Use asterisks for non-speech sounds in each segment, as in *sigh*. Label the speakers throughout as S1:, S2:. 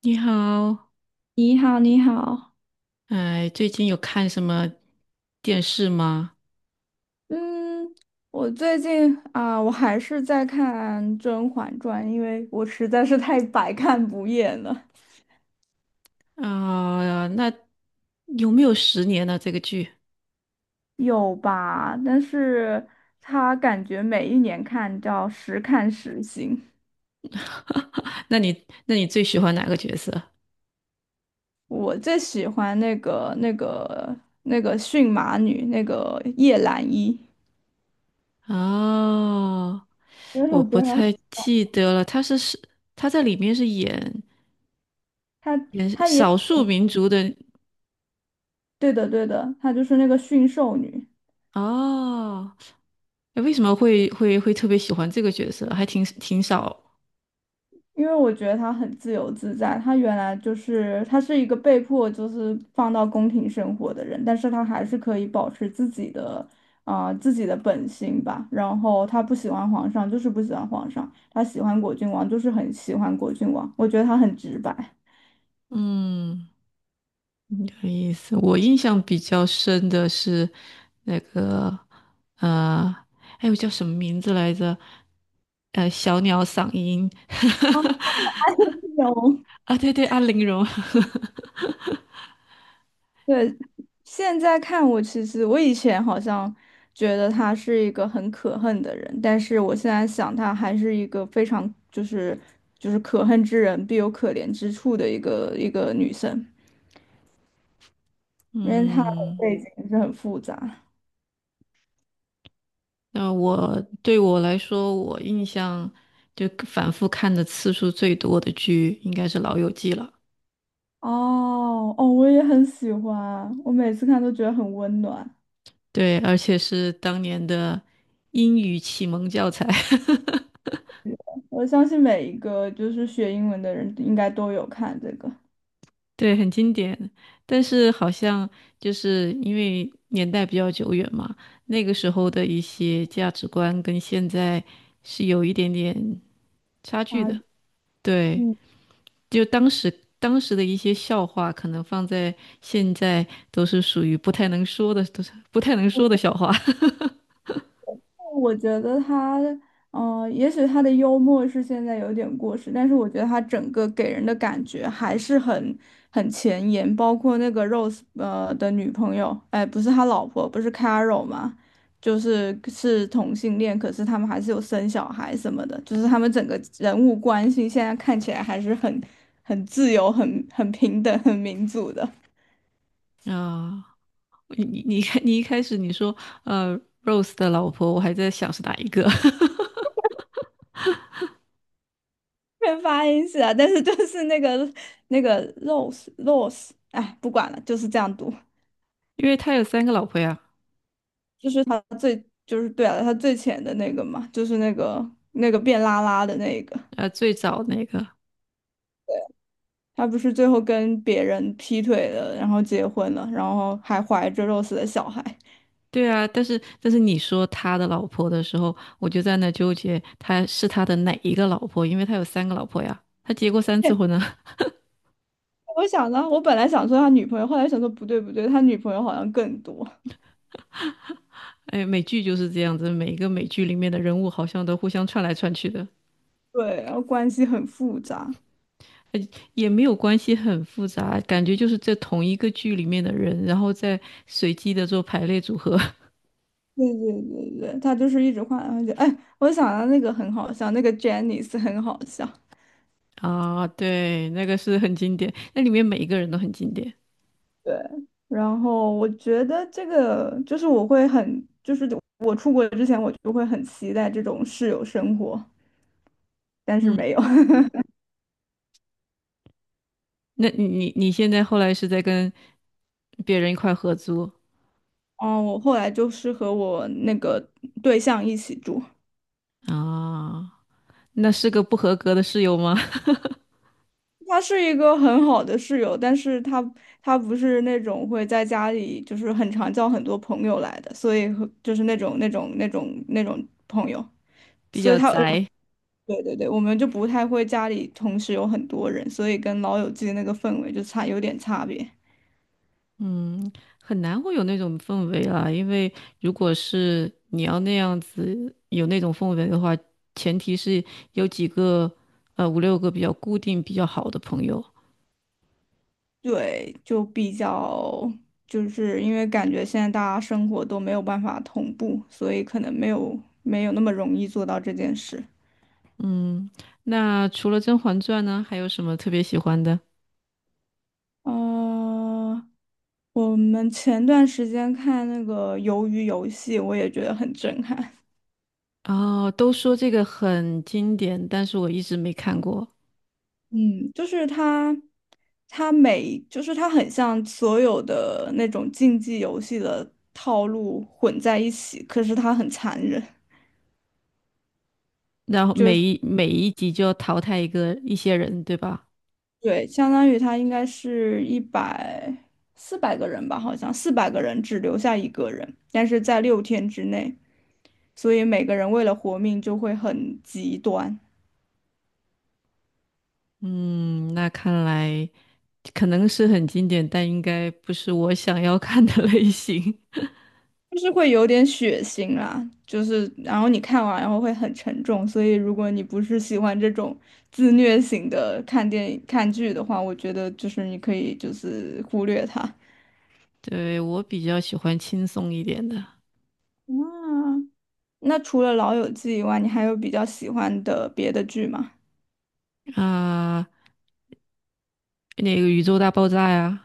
S1: 你好，
S2: 你好，你好。
S1: 哎，最近有看什么电视吗？
S2: 嗯，我最近啊，我还是在看《甄嬛传》，因为我实在是太百看不厌了。
S1: 啊、那有没有10年呢？这个剧？
S2: 有吧？但是它感觉每一年看叫时看时新。
S1: *laughs* 那你最喜欢哪个角色？
S2: 我最喜欢那个驯马女，那个叶澜依。
S1: 哦，
S2: 因为我
S1: 我
S2: 觉
S1: 不
S2: 得
S1: 太记得了，他是他在里面是演
S2: 她她
S1: 演
S2: 她也
S1: 少数民族的。
S2: 对的对的，她就是那个驯兽女。
S1: 哦，哎为什么会特别喜欢这个角色？还挺少，
S2: 因为我觉得他很自由自在，他原来就是他是一个被迫就是放到宫廷生活的人，但是他还是可以保持自己的本心吧。然后他不喜欢皇上，就是不喜欢皇上；他喜欢果郡王，就是很喜欢果郡王。我觉得他很直白。
S1: 嗯。嗯，有意思。我印象比较深的是那个，呃，哎，我叫什么名字来着？小鸟嗓音 *laughs*
S2: *laughs* 有
S1: 啊，对对，安陵容。
S2: 对，现在看我，其实我以前好像觉得她是一个很可恨的人，但是我现在想，她还是一个非常就是可恨之人必有可怜之处的一个女生，
S1: *laughs*
S2: 因为她的
S1: 嗯，
S2: 背景是很复杂。
S1: 那，对我来说，我印象就反复看的次数最多的剧应该是《老友记》了。
S2: 哦哦，我也很喜欢，我每次看都觉得很温暖。
S1: 对，而且是当年的英语启蒙教材。*laughs*
S2: 我相信每一个就是学英文的人应该都有看这个。
S1: 对，很经典，但是好像就是因为年代比较久远嘛，那个时候的一些价值观跟现在是有一点点差距
S2: 啊，
S1: 的。对，
S2: 嗯，
S1: 就当时的一些笑话，可能放在现在都是属于不太能说的，都是不太能说的笑话。
S2: 我觉得他，嗯，也许他的幽默是现在有点过时，但是我觉得他整个给人的感觉还是很前沿，包括那个 Rose 的女朋友。哎，不是他老婆，不是 Carol 嘛，就是是同性恋，可是他们还是有生小孩什么的，就是他们整个人物关系现在看起来还是很自由、很平等、很民主的。
S1: *laughs* 啊。你看，你一开始你说呃，Rose 的老婆，我还在想是哪一个，
S2: 没发音是啊，但是就是那个 Rose，哎，不管了，就是这样读。
S1: *laughs* 因为他有三个老婆呀。
S2: 就是他最就是对啊，他最浅的那个嘛，就是那个变拉拉的那个，
S1: 最早那个。
S2: 他不是最后跟别人劈腿了，然后结婚了，然后还怀着 Rose 的小孩。
S1: 对啊，但是你说他的老婆的时候，我就在那纠结，他是他的哪一个老婆？因为他有三个老婆呀，他结过三次婚
S2: *laughs*
S1: 呢。*laughs*
S2: 我想呢，我本来想说他女朋友，后来想说不对不对，他女朋友好像更多。
S1: 哎，美剧就是这样子，每一个美剧里面的人物好像都互相串来串去的，
S2: 对，然后关系很复杂。
S1: 也没有关系很复杂，感觉就是在同一个剧里面的人，然后再随机的做排列组合。
S2: 对对对对，他就是一直换来换去。哎，我想到那个很好笑，那个 Janice 很好笑。
S1: *laughs* 啊。对，那个是很经典，那里面每一个人都很经典。
S2: 对，然后我觉得这个就是我会很，就是我出国之前我就会很期待这种室友生活，但是
S1: 嗯，
S2: 没有。*laughs*
S1: 那你现在后来是在跟别人一块合租
S2: 嗯，我后来就是和我那个对象一起住。
S1: 啊？那是个不合格的室友吗？*laughs*
S2: 他是一个很好的室友，但是他不是那种会在家里就是很常叫很多朋友来的，所以和就是那种朋友，
S1: 比
S2: 所以
S1: 较
S2: 他我
S1: 宅，
S2: 对对对，我们就不太会家里同时有很多人，所以跟老友记的那个氛围就差有点差别。
S1: 嗯，很难会有那种氛围啊。因为如果是你要那样子有那种氛围的话，前提是有五六个比较固定、比较好的朋友。
S2: 对，就比较就是因为感觉现在大家生活都没有办法同步，所以可能没有那么容易做到这件事。
S1: 嗯，那除了《甄嬛传》呢，还有什么特别喜欢的？
S2: 呃，我们前段时间看那个《鱿鱼游戏》，我也觉得很震撼。
S1: 哦，都说这个很经典，但是我一直没看过。
S2: 嗯，就是它，就是它很像所有的那种竞技游戏的套路混在一起，可是它很残忍。
S1: 然后每一集就要淘汰一些人，对吧？
S2: 对，相当于它应该是四百个人吧，好像四百个人只留下一个人，但是在6天之内，所以每个人为了活命就会很极端。
S1: 嗯，那看来可能是很经典，但应该不是我想要看的类型。*laughs*
S2: 就是会有点血腥啦，就是然后你看完然后会很沉重，所以如果你不是喜欢这种自虐型的看电影看剧的话，我觉得就是你可以就是忽略它。
S1: 对，我比较喜欢轻松一点的
S2: 啊，那除了《老友记》以外，你还有比较喜欢的别的剧吗？
S1: 啊，那个《宇宙大爆炸》呀，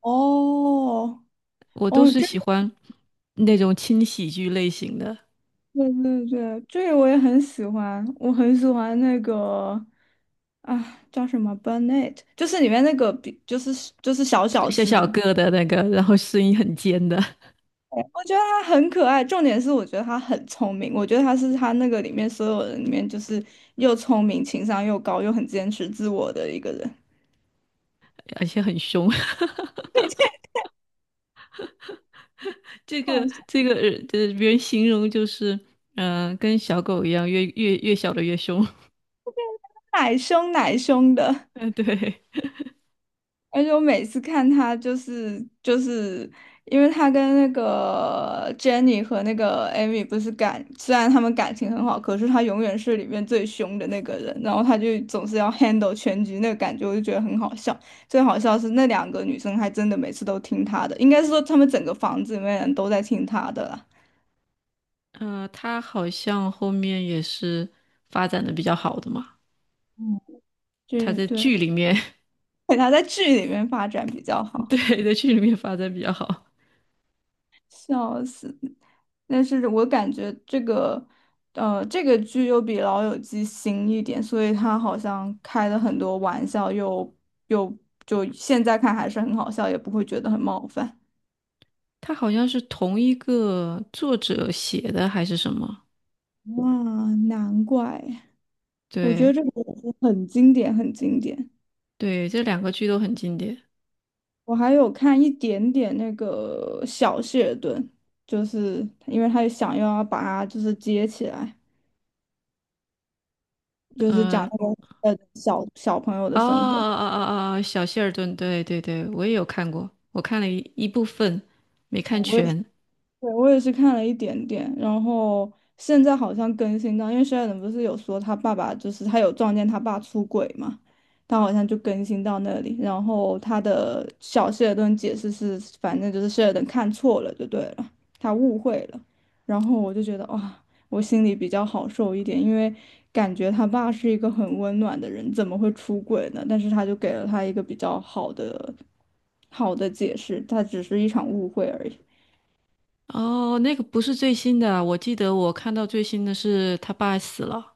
S2: 哦，
S1: 我都
S2: 哦，
S1: 是
S2: 这
S1: 喜
S2: 个
S1: 欢那种轻喜剧类型的，
S2: 对对对，这个我也很喜欢，我很喜欢那个啊，叫什么 Burnet，就是里面那个比，就是小小
S1: 小
S2: 只的。
S1: 小个的那个，然后声音很尖的，
S2: 我觉得他很可爱，重点是我觉得他很聪明，我觉得他是他那个里面所有人里面就是又聪明、情商又高、又很坚持自我的一个人。
S1: 而且很凶。*laughs*
S2: 哦，是
S1: 就是别人形容就是，嗯、跟小狗一样，越小的越凶。
S2: 奶凶奶凶的，
S1: *laughs* 嗯，对。
S2: 而且我每次看他就是因为他跟那个 Jenny 和那个 Amy 不是感，虽然他们感情很好，可是他永远是里面最凶的那个人，然后他就总是要 handle 全局，那个感觉我就觉得很好笑。最好笑是那两个女生还真的每次都听他的，应该是说他们整个房子里面人都在听他的啦。
S1: 他好像后面也是发展的比较好的嘛。
S2: 嗯，
S1: 他
S2: 对
S1: 在
S2: 对，
S1: 剧里面，
S2: *laughs* 给他在剧里面发展比较
S1: *laughs*
S2: 好。
S1: 对，在剧里面发展比较好。
S2: 笑死！但是我感觉这个，呃，这个剧又比《老友记》新一点，所以他好像开了很多玩笑又，又就现在看还是很好笑，也不会觉得很冒犯。
S1: 他好像是同一个作者写的还是什么？
S2: 哇，难怪！我觉得
S1: 对
S2: 这个很经典，很经典。
S1: 对，这两个剧都很经典。
S2: 我还有看一点点那个小谢尔顿，就是因为他想要把它就是接起来，就是讲
S1: 呃，
S2: 那个呃小小朋友的
S1: 哦哦
S2: 生活。
S1: 哦哦哦，小谢尔顿，对对对，我也有看过，我看了一部分，没看
S2: 我对，
S1: 全。
S2: 我也是看了一点点，然后现在好像更新到，因为 s 尔 e 不是有说他爸爸就是他有撞见他爸出轨嘛，他好像就更新到那里，然后他的小谢尔顿解释是，反正就是 s 尔 e 看错了就对了，他误会了，然后我就觉得哇，我心里比较好受一点，因为感觉他爸是一个很温暖的人，怎么会出轨呢？但是他就给了他一个比较好的好的解释，他只是一场误会而已。
S1: 哦，那个不是最新的啊，我记得我看到最新的是他爸死了。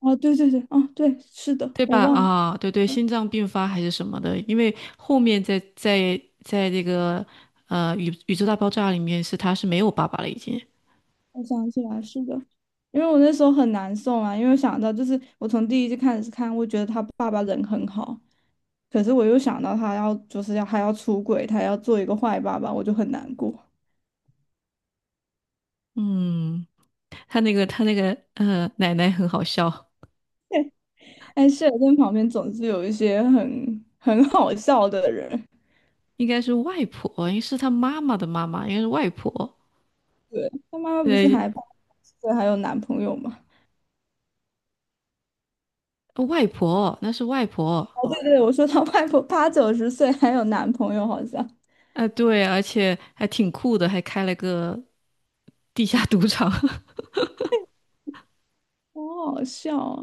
S2: 哦，对对对，哦，对，是的，
S1: 对
S2: 我
S1: 吧？
S2: 忘了，
S1: 啊，对对，心脏病发还是什么的，因为后面在这个宇宙大爆炸里面是他是没有爸爸了已经，
S2: 我想起来，是的，因为我那时候很难受啊，因为想到就是我从第一季开始看，我觉得他爸爸人很好，可是我又想到他要就是要还要出轨，他要做一个坏爸爸，我就很难过。
S1: 嗯，他那个他那个呃奶奶很好笑，
S2: 哎，谢尔顿旁边总是有一些很好笑的人。
S1: 应该是外婆，应该是他妈妈的妈妈，应该是外婆，
S2: 对，他妈妈不是
S1: 对，
S2: 还80岁还有男朋友吗？
S1: 哦外婆那是外婆，
S2: 哦，对对，我说他外婆八九十岁还有男朋友，好像，
S1: 啊、对，而且还挺酷的，还开了个地下赌场。
S2: 好好笑啊。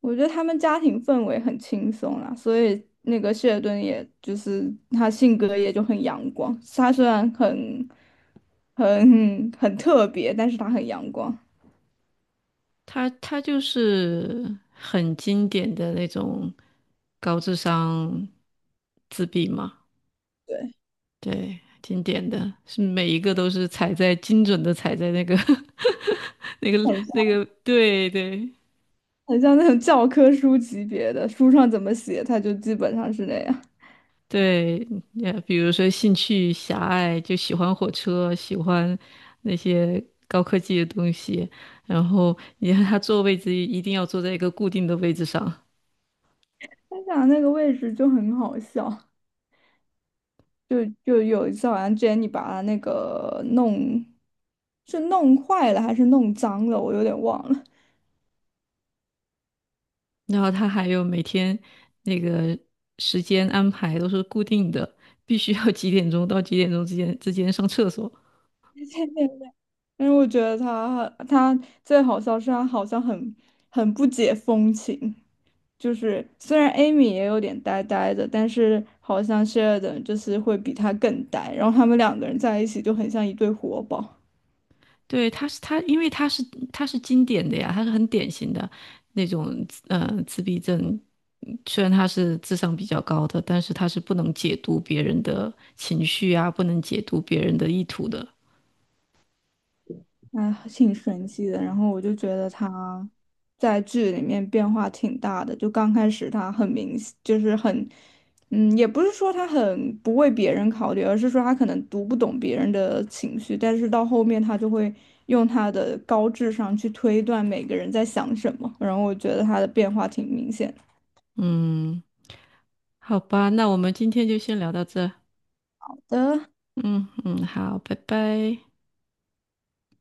S2: 我觉得他们家庭氛围很轻松啦，所以那个谢尔顿也就是他性格也就很阳光。他虽然很很特别，但是他很阳光，
S1: 他就是很经典的那种高智商自闭嘛，
S2: 对，
S1: 对，经典的是每一个都是踩在精准的踩在那个 *laughs* 那个
S2: 很
S1: 那
S2: 像
S1: 个，对对
S2: 很像那种教科书级别的，书上怎么写他就基本上是那样。
S1: 对，也比如说兴趣狭隘，就喜欢火车，喜欢那些高科技的东西，然后你看他坐位置一定要坐在一个固定的位置上，
S2: 他俩那个位置就很好笑，就有一次好像 Jenny 把他那个弄是弄坏了还是弄脏了，我有点忘了。
S1: 然后他还有每天那个时间安排都是固定的，必须要几点钟到几点钟之间上厕所。
S2: *laughs* 因为我觉得他最好笑是他好像很不解风情，就是虽然 Amy 也有点呆呆的，但是好像 s h e l d 就是会比他更呆，然后他们两个人在一起就很像一对活宝。
S1: 对，他是，因为他是经典的呀，他是很典型的那种自闭症。虽然他是智商比较高的，但是他是不能解读别人的情绪啊，不能解读别人的意图的。
S2: 哎，挺神奇的。然后我就觉得他在剧里面变化挺大的，就刚开始他很明显，就是很，嗯，也不是说他很不为别人考虑，而是说他可能读不懂别人的情绪，但是到后面他就会用他的高智商去推断每个人在想什么。然后我觉得他的变化挺明显
S1: 嗯，好吧，那我们今天就先聊到这。
S2: 的。
S1: 嗯嗯，好，拜拜。